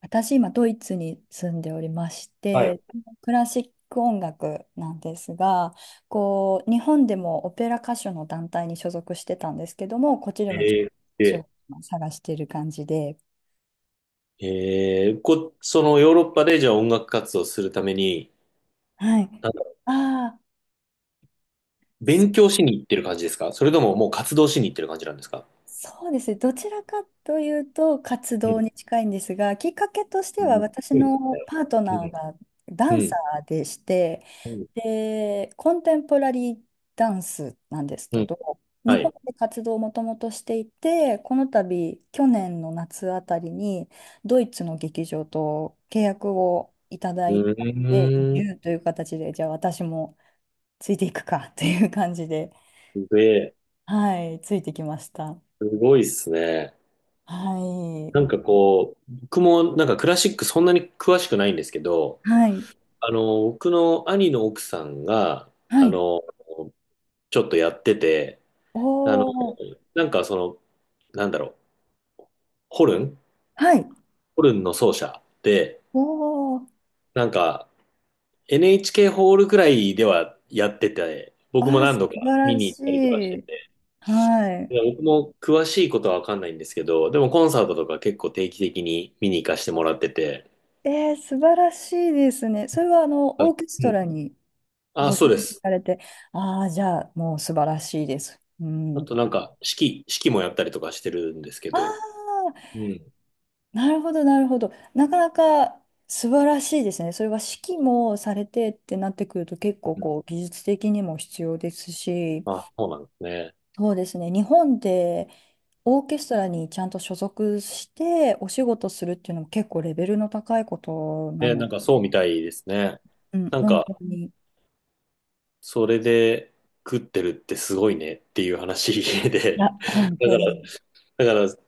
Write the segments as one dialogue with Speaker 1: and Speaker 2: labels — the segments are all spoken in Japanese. Speaker 1: 私、今、ドイツに住んでおりまし
Speaker 2: はい。
Speaker 1: て、クラシック音楽なんですが、こう、日本でもオペラ歌手の団体に所属してたんですけども、こっちで
Speaker 2: え
Speaker 1: もちょっ
Speaker 2: ー、
Speaker 1: とお仕
Speaker 2: で、
Speaker 1: 事を探している感じで。
Speaker 2: えー、こ、そのヨーロッパでじゃあ音楽活動するために、
Speaker 1: はい。
Speaker 2: なんだろ
Speaker 1: ああ、そ、
Speaker 2: 勉強しに行ってる感じですか、それとももう活動しに行ってる感じなんですか？
Speaker 1: そうですね。どちらかというと活
Speaker 2: う
Speaker 1: 動
Speaker 2: ん。
Speaker 1: に近いんですが、きっかけとして
Speaker 2: うん、
Speaker 1: は
Speaker 2: そ
Speaker 1: 私
Speaker 2: うです
Speaker 1: のパートナー
Speaker 2: ね。
Speaker 1: がダ
Speaker 2: う
Speaker 1: ンサ
Speaker 2: ん。
Speaker 1: ーでして、
Speaker 2: うん。
Speaker 1: で、コンテンポラリーダンスなんです
Speaker 2: う
Speaker 1: け
Speaker 2: ん。
Speaker 1: ど、日
Speaker 2: は
Speaker 1: 本
Speaker 2: い。
Speaker 1: で活動をもともとしていて、この度、去年の夏あたりに、ドイツの劇場と契約をいただ
Speaker 2: う
Speaker 1: いたので、移
Speaker 2: ーん。
Speaker 1: 住という形で、じゃあ私もついていくかという感じで、
Speaker 2: すげえ。
Speaker 1: はい、ついてきました。
Speaker 2: すごいっすね。
Speaker 1: は
Speaker 2: なんか
Speaker 1: い。
Speaker 2: こう、僕もなんかクラシックそんなに詳しくないんですけど、
Speaker 1: はい。
Speaker 2: あの、僕の兄の奥さんが
Speaker 1: は
Speaker 2: あ
Speaker 1: い。
Speaker 2: の、ちょっとやってて、
Speaker 1: お
Speaker 2: あの、
Speaker 1: ー。
Speaker 2: なんかその、なんだろう。ホルン、
Speaker 1: はい。
Speaker 2: ホルンの奏者で、
Speaker 1: おー。
Speaker 2: なんか NHK ホールくらいではやってて、僕
Speaker 1: あ
Speaker 2: も
Speaker 1: ー、
Speaker 2: 何
Speaker 1: 素
Speaker 2: 度か
Speaker 1: 晴
Speaker 2: 見
Speaker 1: ら
Speaker 2: に行
Speaker 1: し
Speaker 2: ったりとかして
Speaker 1: い。
Speaker 2: て、
Speaker 1: はい。
Speaker 2: で僕も詳しいことはわかんないんですけど、でもコンサートとか結構定期的に見に行かせてもらってて、
Speaker 1: えー、素晴らしいですね。それはあの
Speaker 2: あ
Speaker 1: オーケス
Speaker 2: う
Speaker 1: ト
Speaker 2: ん。
Speaker 1: ラに
Speaker 2: あ、
Speaker 1: ご出
Speaker 2: そう
Speaker 1: 演
Speaker 2: です。
Speaker 1: されて、ああ、じゃあもう素晴らしいです。う
Speaker 2: あ
Speaker 1: ん。
Speaker 2: となんか、式、式もやったりとかしてるんですけ
Speaker 1: あ
Speaker 2: ど、
Speaker 1: あ、
Speaker 2: うん。
Speaker 1: なるほど、なるほど。なかなか素晴らしいですね。それは指揮もされてってなってくると結構
Speaker 2: うん、
Speaker 1: こう技術的にも必要ですし、
Speaker 2: あ、そうなんですね。
Speaker 1: そうですね。日本でオーケストラにちゃんと所属してお仕事するっていうのも結構レベルの高いことな
Speaker 2: え、な
Speaker 1: の。
Speaker 2: んかそうみたいですね。
Speaker 1: うん、
Speaker 2: なん
Speaker 1: 本当
Speaker 2: か、
Speaker 1: に。い
Speaker 2: それで食ってるってすごいねっていう話
Speaker 1: や、
Speaker 2: で、
Speaker 1: 本
Speaker 2: だ
Speaker 1: 当
Speaker 2: から
Speaker 1: に。
Speaker 2: だから、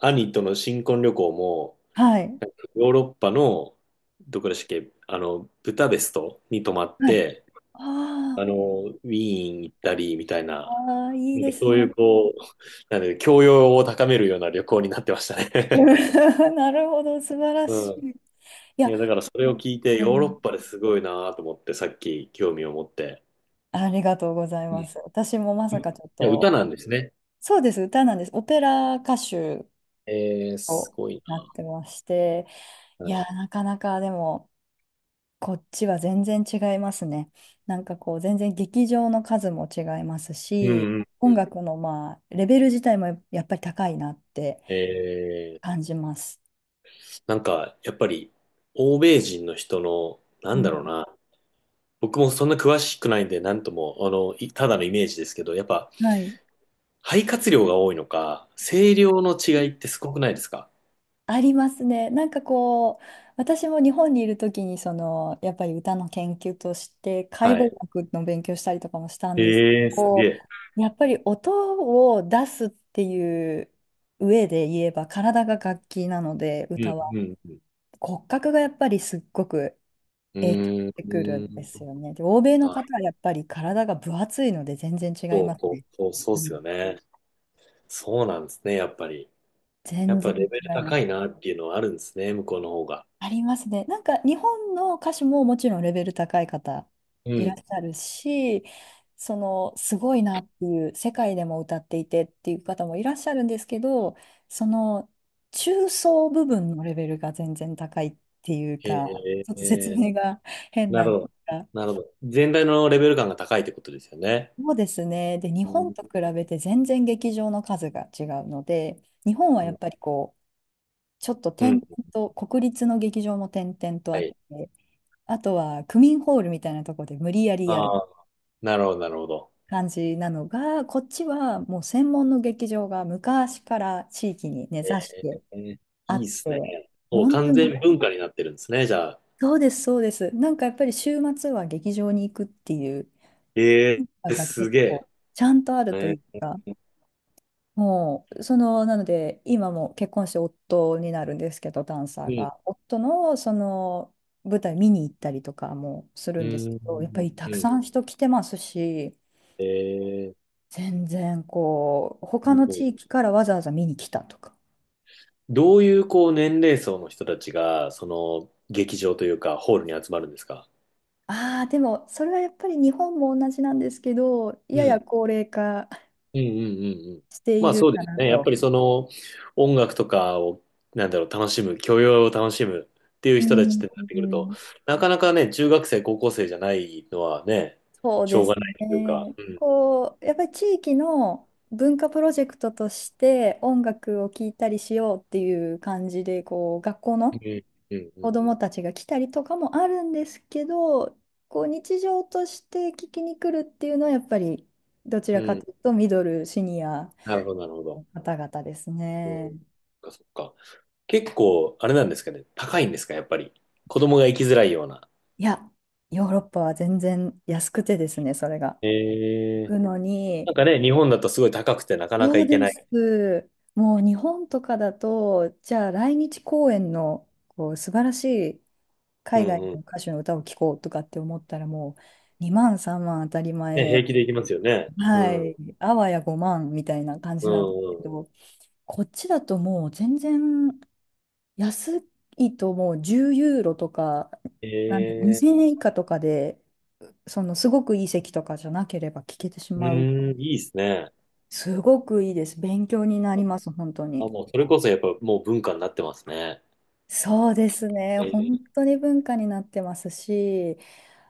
Speaker 2: 兄との新婚旅行も、
Speaker 1: はい。
Speaker 2: なんかヨーロッパの、どこでしたっけ、あの、ブダペストに泊まっ
Speaker 1: はい、
Speaker 2: て、
Speaker 1: あ
Speaker 2: あ
Speaker 1: ー。
Speaker 2: の、ウィーン行ったり、みたい
Speaker 1: あ
Speaker 2: な、
Speaker 1: ー、あいい
Speaker 2: なん
Speaker 1: で
Speaker 2: か
Speaker 1: す
Speaker 2: そうい
Speaker 1: ね。
Speaker 2: う、こう、なんで、教養を高めるような旅行になってました
Speaker 1: う
Speaker 2: ね。
Speaker 1: ん。 なるほど、素晴ら
Speaker 2: う
Speaker 1: し
Speaker 2: ん。
Speaker 1: い。い
Speaker 2: い
Speaker 1: や、
Speaker 2: や、だからそれを
Speaker 1: 本
Speaker 2: 聞いて、
Speaker 1: 当
Speaker 2: ヨーロッ
Speaker 1: に
Speaker 2: パですごいなと思って、さっき興味を持って。
Speaker 1: ありがとうござい
Speaker 2: うん。
Speaker 1: ます。私もまさ
Speaker 2: い
Speaker 1: かちょっ
Speaker 2: や、歌
Speaker 1: と、
Speaker 2: なんですね。
Speaker 1: そうです、歌なんです。オペラ歌手
Speaker 2: えー、す
Speaker 1: を
Speaker 2: ごい
Speaker 1: なってまして、
Speaker 2: な。
Speaker 1: い
Speaker 2: は
Speaker 1: や、
Speaker 2: い、
Speaker 1: なかなかでも、こっちは全然違いますね。なんかこう、全然劇場の数も違います
Speaker 2: う
Speaker 1: し、
Speaker 2: ん、うん、う
Speaker 1: 音
Speaker 2: ん。
Speaker 1: 楽のまあ、レベル自体もやっぱり高いなって
Speaker 2: えー
Speaker 1: 感じます。
Speaker 2: なんか、やっぱり、欧米人の人の、な
Speaker 1: う
Speaker 2: んだ
Speaker 1: ん、
Speaker 2: ろうな、僕もそんな詳しくないんで、なんとも、ただのイメージですけど、やっぱ、
Speaker 1: はい。
Speaker 2: 肺活量が多いのか、声量の違いってすごくないですか？
Speaker 1: ありますね。なんかこう、私も日本にいる時に、その、やっぱり歌の研究として、解
Speaker 2: は
Speaker 1: 剖
Speaker 2: い。
Speaker 1: 学の勉強したりとかもしたんですけど、
Speaker 2: ええ、すげ
Speaker 1: こ
Speaker 2: え。
Speaker 1: うやっぱり音を出すっていう上で言えば、体が楽器なので、
Speaker 2: うん、
Speaker 1: 歌は。
Speaker 2: うん、
Speaker 1: 骨格がやっぱりすっごく
Speaker 2: う
Speaker 1: 影響し
Speaker 2: ん。う
Speaker 1: てくる
Speaker 2: ー
Speaker 1: ん
Speaker 2: ん、
Speaker 1: ですよね。で、欧米の
Speaker 2: あ、
Speaker 1: 方はやっぱり体が分厚いので全然違い
Speaker 2: そう、
Speaker 1: ます
Speaker 2: そう、
Speaker 1: ね。
Speaker 2: そう、そうっ
Speaker 1: うん、
Speaker 2: すよね。そうなんですね、やっぱり。や
Speaker 1: 全
Speaker 2: っぱ
Speaker 1: 然
Speaker 2: レベル
Speaker 1: 違いま
Speaker 2: 高
Speaker 1: す。
Speaker 2: いなっていうのはあるんですね、向こうの方が。
Speaker 1: ありますね。なんか日本の歌手ももちろんレベル高い方
Speaker 2: う
Speaker 1: いらっ
Speaker 2: ん。
Speaker 1: しゃるし、そのすごいなっていう世界でも歌っていてっていう方もいらっしゃるんですけど、その中層部分のレベルが全然高いっていうか、
Speaker 2: え
Speaker 1: ちょっと説
Speaker 2: え、
Speaker 1: 明が変
Speaker 2: な
Speaker 1: な
Speaker 2: る
Speaker 1: ん
Speaker 2: ほ
Speaker 1: で
Speaker 2: ど。
Speaker 1: すが、
Speaker 2: なるほど。全体のレベル感が高いってことですよね。
Speaker 1: そうですね。で、日
Speaker 2: う
Speaker 1: 本
Speaker 2: ん。
Speaker 1: と比べて全然劇場の数が違うので、日本はやっぱりこう、ちょっと
Speaker 2: う
Speaker 1: 点
Speaker 2: ん。
Speaker 1: 々と、国立の劇場も点々とあ
Speaker 2: は
Speaker 1: っ
Speaker 2: い。
Speaker 1: て、あとは区民ホールみたいなとこで無理やりや
Speaker 2: あ
Speaker 1: る
Speaker 2: あ、なるほど、なるほど。
Speaker 1: 感じなのが、こっちはもう専門の劇場が昔から地域に根ざし
Speaker 2: え
Speaker 1: て
Speaker 2: ー、
Speaker 1: あ
Speaker 2: いいっ
Speaker 1: っ
Speaker 2: すね。
Speaker 1: て、
Speaker 2: もう
Speaker 1: 本当
Speaker 2: 完
Speaker 1: に、
Speaker 2: 全文化になってるんですね、じゃあ。
Speaker 1: そうです。なんかやっぱり週末は劇場に行くっていう
Speaker 2: え
Speaker 1: の
Speaker 2: え、
Speaker 1: が
Speaker 2: す
Speaker 1: 結
Speaker 2: げえ。
Speaker 1: 構ちゃんとあるとい
Speaker 2: え
Speaker 1: うか、
Speaker 2: ー、
Speaker 1: もう、その、なので、今も結婚して夫になるんですけど、ダンサ
Speaker 2: う
Speaker 1: ー
Speaker 2: ん、
Speaker 1: が。夫の、その、舞台見に行ったりとかもする
Speaker 2: う
Speaker 1: んですけ
Speaker 2: ん、
Speaker 1: ど、やっぱりた
Speaker 2: う
Speaker 1: く
Speaker 2: ん。
Speaker 1: さん人来てますし、
Speaker 2: えー、
Speaker 1: 全然こう、他
Speaker 2: す
Speaker 1: の
Speaker 2: ごい。
Speaker 1: 地域からわざわざ見に来たとか。
Speaker 2: どういう、こう、年齢層の人たちが、その、劇場というか、ホールに集まるんですか？
Speaker 1: ああ、でもそれはやっぱり日本も同じなんですけど、
Speaker 2: う
Speaker 1: やや
Speaker 2: ん、
Speaker 1: 高齢化
Speaker 2: うん、うん、うん、うん。
Speaker 1: して
Speaker 2: ま
Speaker 1: い
Speaker 2: あ
Speaker 1: る
Speaker 2: そうで
Speaker 1: か
Speaker 2: す
Speaker 1: な
Speaker 2: ね。やっぱ
Speaker 1: と。
Speaker 2: りその音楽とかを、なんだろう、楽しむ、教養を楽しむっていう
Speaker 1: う
Speaker 2: 人たちっ
Speaker 1: ん、
Speaker 2: てなって
Speaker 1: う
Speaker 2: くると、
Speaker 1: ん、
Speaker 2: なかなかね、中学生、高校生じゃないのはね、
Speaker 1: そう
Speaker 2: し
Speaker 1: で
Speaker 2: ょうが
Speaker 1: す
Speaker 2: ないというか。
Speaker 1: ね。
Speaker 2: うん。
Speaker 1: こう、やっぱり地域の文化プロジェクトとして音楽を聴いたりしようっていう感じで、こう、学校
Speaker 2: う
Speaker 1: の
Speaker 2: ん、うん、
Speaker 1: 子
Speaker 2: う
Speaker 1: 供たちが来たりとかもあるんですけど、こう日常として聞きに来るっていうのはやっぱりどち
Speaker 2: ん。
Speaker 1: ら
Speaker 2: う
Speaker 1: か
Speaker 2: ん。
Speaker 1: というとミドル、シニア
Speaker 2: なるほど、なるほど。
Speaker 1: の方々です
Speaker 2: う
Speaker 1: ね。
Speaker 2: ん。そっか、そっか。結構、あれなんですかね。高いんですか、やっぱり。子供が行きづらいような。
Speaker 1: いや、ヨーロッパは全然安くてですね、それが。行
Speaker 2: ええ、
Speaker 1: くの
Speaker 2: な
Speaker 1: に、
Speaker 2: んかね、日本だとすごい高くてなかなか
Speaker 1: そう
Speaker 2: 行け
Speaker 1: で
Speaker 2: ない。
Speaker 1: す。もう日本とかだと、じゃあ来日公演のこう素晴らしい
Speaker 2: う
Speaker 1: 海外
Speaker 2: ん、う
Speaker 1: の
Speaker 2: ん。
Speaker 1: 歌手の歌を聴こうとかって思ったらもう2万3万当たり
Speaker 2: ね、
Speaker 1: 前。
Speaker 2: 平気で行きますよね。う
Speaker 1: は
Speaker 2: ん。
Speaker 1: い、あわや5万みたいな感
Speaker 2: う
Speaker 1: じなんで
Speaker 2: ん、
Speaker 1: すけ
Speaker 2: うん、
Speaker 1: ど、こっちだともう全然安いともう10ユーロとか、なん
Speaker 2: え
Speaker 1: 2000
Speaker 2: え、
Speaker 1: 円以下とかで、そのすごくいい席とかじゃなければ聞けてし
Speaker 2: う
Speaker 1: まう。
Speaker 2: ーん、いいですね。
Speaker 1: すごくいいです。勉強になります、本当
Speaker 2: あ、
Speaker 1: に。
Speaker 2: もう、それこそやっぱもう文化になってますね。
Speaker 1: そうですね。
Speaker 2: え
Speaker 1: 本
Speaker 2: え、
Speaker 1: 当に文化になってますし、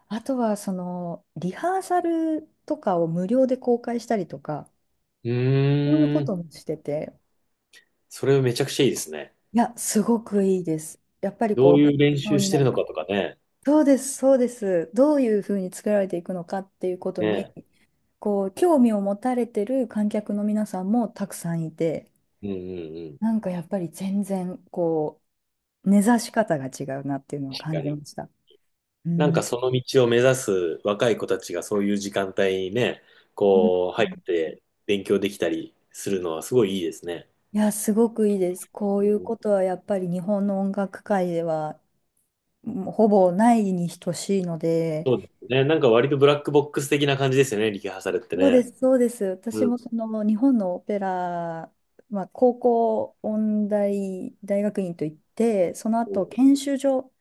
Speaker 1: あとはそのリハーサルとかを無料で公開したりとか、
Speaker 2: う
Speaker 1: そういうこ
Speaker 2: ー
Speaker 1: と
Speaker 2: ん、
Speaker 1: もしてて、
Speaker 2: それめちゃくちゃいいですね。
Speaker 1: いや、すごくいいです。やっぱり
Speaker 2: ど
Speaker 1: こ
Speaker 2: う
Speaker 1: う、勉
Speaker 2: いう練
Speaker 1: 強
Speaker 2: 習
Speaker 1: に
Speaker 2: して
Speaker 1: な
Speaker 2: るの
Speaker 1: る。
Speaker 2: かとかね。
Speaker 1: そうです。どういうふうに作られていくのかっていうことに、
Speaker 2: ね。
Speaker 1: こう、興味を持たれてる観客の皆さんもたくさんいて、
Speaker 2: うん、うん、うん。
Speaker 1: なんかやっぱり全然、こう、根ざし方が違うなっていうのは
Speaker 2: 確
Speaker 1: 感
Speaker 2: か
Speaker 1: じま
Speaker 2: に。
Speaker 1: した。う
Speaker 2: なんか
Speaker 1: ん。
Speaker 2: その道を目指す若い子たちがそういう時間帯にね、
Speaker 1: うん、
Speaker 2: こう、入って勉強できたりするのはすごいいいですね。
Speaker 1: いや、すごくいいです。こ
Speaker 2: う
Speaker 1: ういう
Speaker 2: ん、
Speaker 1: ことはやっぱり日本の音楽界では、もうほぼないに等しいので、
Speaker 2: そうですね。なんか割とブラックボックス的な感じですよね、リハーサルって
Speaker 1: そうで
Speaker 2: ね。
Speaker 1: す、そうです。私
Speaker 2: うん。
Speaker 1: もその日本のオペラ、まあ、高校音大大学院といって、その
Speaker 2: う
Speaker 1: 後
Speaker 2: ん、
Speaker 1: 研修所っ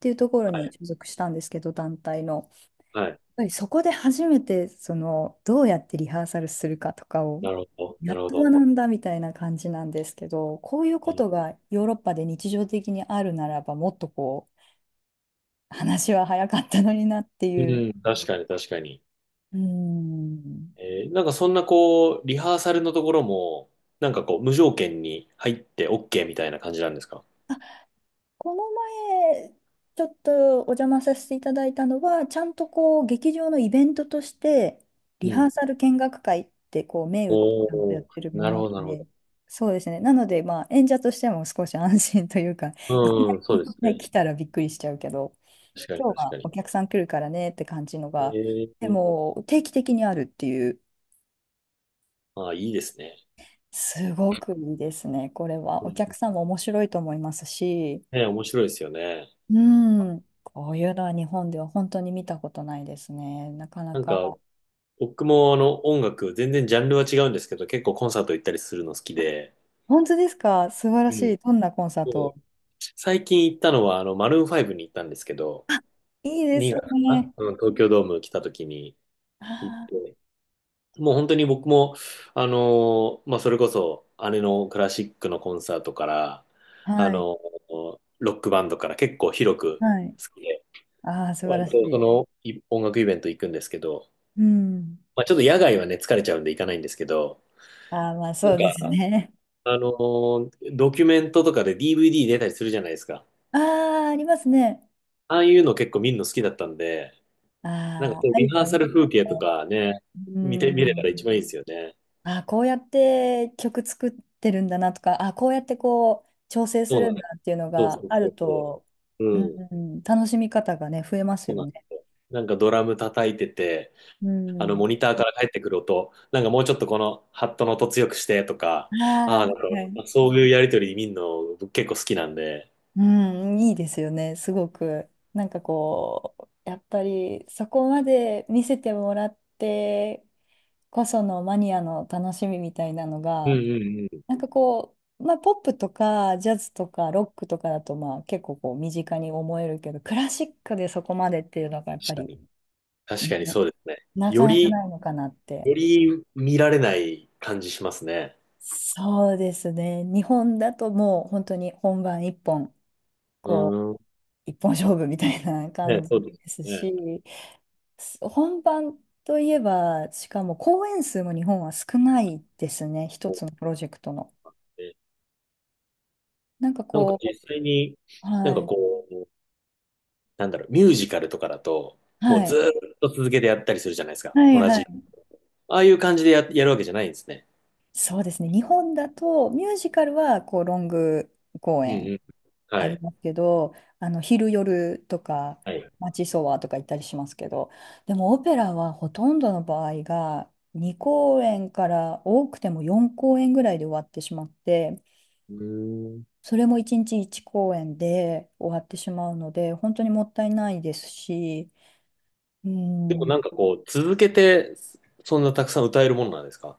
Speaker 1: ていうところ
Speaker 2: は
Speaker 1: に
Speaker 2: い。
Speaker 1: 所属したんですけど、団体の。や
Speaker 2: はい。
Speaker 1: っぱりそこで初めてそのどうやってリハーサルするかとかを
Speaker 2: なるほど。
Speaker 1: や
Speaker 2: なる
Speaker 1: っ
Speaker 2: ほ
Speaker 1: と学
Speaker 2: ど。
Speaker 1: んだみたいな感じなんですけど、こういうこ
Speaker 2: え
Speaker 1: とがヨーロッパで日常的にあるならば、もっとこう話は早かったのになって
Speaker 2: う
Speaker 1: いう。
Speaker 2: ん、確かに確かに。
Speaker 1: うん、
Speaker 2: えー、なんかそんなこう、リハーサルのところも、なんかこう、無条件に入って OK みたいな感じなんですか？
Speaker 1: この前、ちょっとお邪魔させていただいたのは、ちゃんとこう、劇場のイベントとして、
Speaker 2: う
Speaker 1: リハ
Speaker 2: ん。
Speaker 1: ーサル見学会って、こう、銘打ってちゃんと
Speaker 2: お
Speaker 1: やっ
Speaker 2: お、
Speaker 1: てるも
Speaker 2: なる
Speaker 1: の
Speaker 2: ほど、なるほ
Speaker 1: で、
Speaker 2: ど。
Speaker 1: そうですね。なので、まあ、演者としても少し安心というか、いき
Speaker 2: うん、そうです
Speaker 1: なり
Speaker 2: ね。
Speaker 1: 来たらびっくりしちゃうけど、
Speaker 2: 確かに
Speaker 1: 今日
Speaker 2: 確
Speaker 1: は
Speaker 2: か
Speaker 1: お
Speaker 2: に。
Speaker 1: 客さん来るからねって感じのが、で
Speaker 2: ええ、
Speaker 1: も、定期的にあるっていう、
Speaker 2: ああ、いいですね。
Speaker 1: すごくいいですね。これ
Speaker 2: う
Speaker 1: は、お
Speaker 2: ん、
Speaker 1: 客さんも面白いと思いますし、
Speaker 2: ね、面白いですよね。
Speaker 1: うん。こういうのは日本では本当に見たことないですね。なかな
Speaker 2: なん
Speaker 1: か。
Speaker 2: か、僕もあの、音楽、全然ジャンルは違うんですけど、結構コンサート行ったりするの好きで、
Speaker 1: 本当ですか、素晴ら
Speaker 2: う
Speaker 1: し
Speaker 2: ん。
Speaker 1: い。どんなコンサー
Speaker 2: そう
Speaker 1: ト。
Speaker 2: 最近行ったのは、あの、マルーン5に行ったんですけど、
Speaker 1: あ、いいです
Speaker 2: 2月かな、
Speaker 1: ね。
Speaker 2: うん、東京ドーム来た時に、行っ
Speaker 1: あ
Speaker 2: て、もう本当に僕も、あのー、まあ、それこそ姉のクラシックのコンサートから、
Speaker 1: ー、
Speaker 2: あ
Speaker 1: はい。
Speaker 2: のーロックバンドから結構広く
Speaker 1: はい。
Speaker 2: 好きで、
Speaker 1: ああ、素晴ら
Speaker 2: 割
Speaker 1: し
Speaker 2: とそ
Speaker 1: い。
Speaker 2: のい音楽イベント行くんですけど、
Speaker 1: うん。
Speaker 2: まあ、ちょっと野外はね、疲れちゃうんで行かないんですけど、
Speaker 1: ああ、まあ
Speaker 2: な
Speaker 1: そ
Speaker 2: ん
Speaker 1: うです
Speaker 2: か、
Speaker 1: ね。
Speaker 2: あのードキュメントとかで DVD 出たりするじゃないですか。
Speaker 1: ああ、ありますね。
Speaker 2: ああいうの結構見るの好きだったんで、
Speaker 1: あ
Speaker 2: なんか
Speaker 1: あ、あ
Speaker 2: そういう
Speaker 1: あい
Speaker 2: リ
Speaker 1: うの
Speaker 2: ハー
Speaker 1: はい
Speaker 2: サ
Speaker 1: いで
Speaker 2: ル
Speaker 1: す
Speaker 2: 風景と
Speaker 1: ね。
Speaker 2: かね、
Speaker 1: う
Speaker 2: 見て、見れたら一
Speaker 1: ん。
Speaker 2: 番いいですよね。
Speaker 1: あ、こうやって曲作ってるんだなとか、あ、こうやってこう調整す
Speaker 2: そう
Speaker 1: る
Speaker 2: なん
Speaker 1: んだ
Speaker 2: です。
Speaker 1: っていうの
Speaker 2: そうそ
Speaker 1: が
Speaker 2: う
Speaker 1: あ
Speaker 2: そう
Speaker 1: る
Speaker 2: そ
Speaker 1: と、
Speaker 2: う。
Speaker 1: う
Speaker 2: う
Speaker 1: ん、
Speaker 2: ん。
Speaker 1: うん、楽しみ方がね、増えます
Speaker 2: そう
Speaker 1: よ
Speaker 2: なんで
Speaker 1: ね。
Speaker 2: すよ。なんかドラム叩いてて、
Speaker 1: う
Speaker 2: あの
Speaker 1: ん。
Speaker 2: モニターから帰ってくる音、なんかもうちょっとこのハットの音強くしてとか、ああ、
Speaker 1: あ
Speaker 2: なん
Speaker 1: あ、はい。
Speaker 2: かそういうやりとり見るの僕結構好きなんで、
Speaker 1: うん、いいですよね、すごく。なんかこう、やっぱりそこまで見せてもらってこそのマニアの楽しみみたいなの
Speaker 2: うん、
Speaker 1: が、
Speaker 2: うん、うん。
Speaker 1: なんかこう、まあ、ポップとかジャズとかロックとかだとまあ結構こう身近に思えるけどクラシックでそこまでっていうのがやっ
Speaker 2: 確
Speaker 1: ぱ
Speaker 2: か
Speaker 1: り、
Speaker 2: に。確かに
Speaker 1: ね、
Speaker 2: そうですね。
Speaker 1: なか
Speaker 2: よ
Speaker 1: なか
Speaker 2: り、
Speaker 1: ないのかなって。
Speaker 2: より見られない感じしますね。
Speaker 1: そうですね、日本だともう本当に本番一本、
Speaker 2: う
Speaker 1: こ
Speaker 2: ー
Speaker 1: う
Speaker 2: ん。
Speaker 1: 一本勝負みたいな感
Speaker 2: ね、
Speaker 1: じ
Speaker 2: そうです
Speaker 1: です
Speaker 2: ね。
Speaker 1: し、本番といえばしかも公演数も日本は少ないですね、一
Speaker 2: そ
Speaker 1: つ
Speaker 2: う
Speaker 1: のプロジェクトの。
Speaker 2: ですね、
Speaker 1: なんか
Speaker 2: なんか
Speaker 1: こ
Speaker 2: 実際に、
Speaker 1: う、
Speaker 2: なん
Speaker 1: は
Speaker 2: か
Speaker 1: い、
Speaker 2: こう、なんだろう、ミュージカルとかだと、もう
Speaker 1: は
Speaker 2: ず
Speaker 1: い、
Speaker 2: ーっと続けてやったりするじゃないですか。
Speaker 1: はい、
Speaker 2: 同
Speaker 1: は
Speaker 2: じ。
Speaker 1: い。
Speaker 2: ああいう感じでや、やるわけじゃないんですね。
Speaker 1: そうですね。日本だとミュージカルはこうロング公
Speaker 2: うん、う
Speaker 1: 演
Speaker 2: ん。は
Speaker 1: あり
Speaker 2: い。
Speaker 1: ますけど、あの昼夜とか
Speaker 2: はい。う
Speaker 1: 街ソワとか行ったりしますけど、でもオペラはほとんどの場合が2公演から多くても4公演ぐらいで終わってしまって、
Speaker 2: ーん。
Speaker 1: それも1日1公演で終わってしまうので、本当にもったいないですし、う
Speaker 2: でも
Speaker 1: ん、
Speaker 2: なんかこう、続けて、そんなたくさん歌えるものなんですか？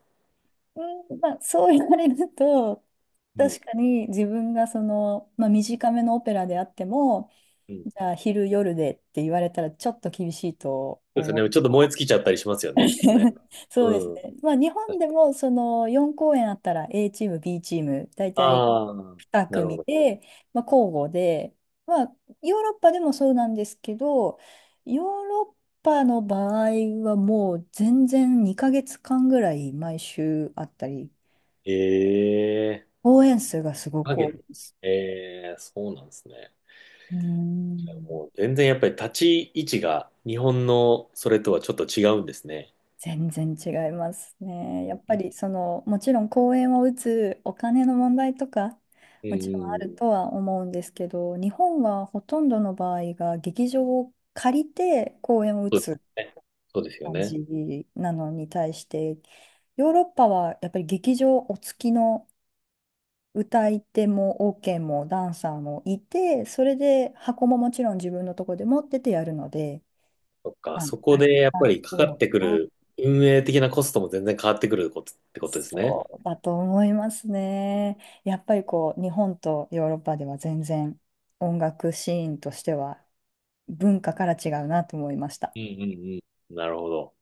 Speaker 1: うん、まあ、そう言われると、
Speaker 2: うん。
Speaker 1: 確かに自分がその、まあ、短めのオペラであっても、
Speaker 2: うん。そ
Speaker 1: じゃあ昼夜でって言われたらちょっと厳しいと
Speaker 2: うですよ
Speaker 1: 思
Speaker 2: ね。
Speaker 1: う。
Speaker 2: ちょっと燃え尽きちゃったりしますよね、きっとね。
Speaker 1: そうです
Speaker 2: うん。
Speaker 1: ね。まあ、日本でもその4公演あったら A チーム、B チーム、大体
Speaker 2: ああ、
Speaker 1: 2
Speaker 2: なるほ
Speaker 1: 組
Speaker 2: ど。
Speaker 1: で、まあ、交互で、まあ、ヨーロッパでもそうなんですけど、ヨーロッパの場合はもう全然2ヶ月間ぐらい毎週あったり。
Speaker 2: ええ、
Speaker 1: 応援数がすごく多い
Speaker 2: 影。
Speaker 1: です。
Speaker 2: ええ、そうなんですね。
Speaker 1: うーん、
Speaker 2: もう全然やっぱり立ち位置が日本のそれとはちょっと違うんですね。
Speaker 1: 全然違いますね。
Speaker 2: う
Speaker 1: やっぱ
Speaker 2: ん、
Speaker 1: りその、もちろん公演を打つお金の問題とか、
Speaker 2: うん、
Speaker 1: もちろんあ
Speaker 2: うん、
Speaker 1: るとは思うんですけど、日本はほとんどの場合が劇場を借りて公演を打
Speaker 2: そうで
Speaker 1: つ
Speaker 2: すね。そうですよ
Speaker 1: 感
Speaker 2: ね。
Speaker 1: じなのに対して、ヨーロッパはやっぱり劇場お付きの歌い手もオーケーもダンサーもいて、それで箱ももちろん自分のとこで持っててやるので、
Speaker 2: そっか、
Speaker 1: まあ、
Speaker 2: そこ
Speaker 1: たく
Speaker 2: でやっ
Speaker 1: さん
Speaker 2: ぱ
Speaker 1: す
Speaker 2: りか
Speaker 1: る
Speaker 2: か
Speaker 1: の
Speaker 2: っ
Speaker 1: か
Speaker 2: てく
Speaker 1: な。
Speaker 2: る運営的なコストも全然変わってくることってことですね。
Speaker 1: そうだと思いますね。やっぱりこう日本とヨーロッパでは全然音楽シーンとしては文化から違うなと思いました。
Speaker 2: うん、うん、うん。なるほど。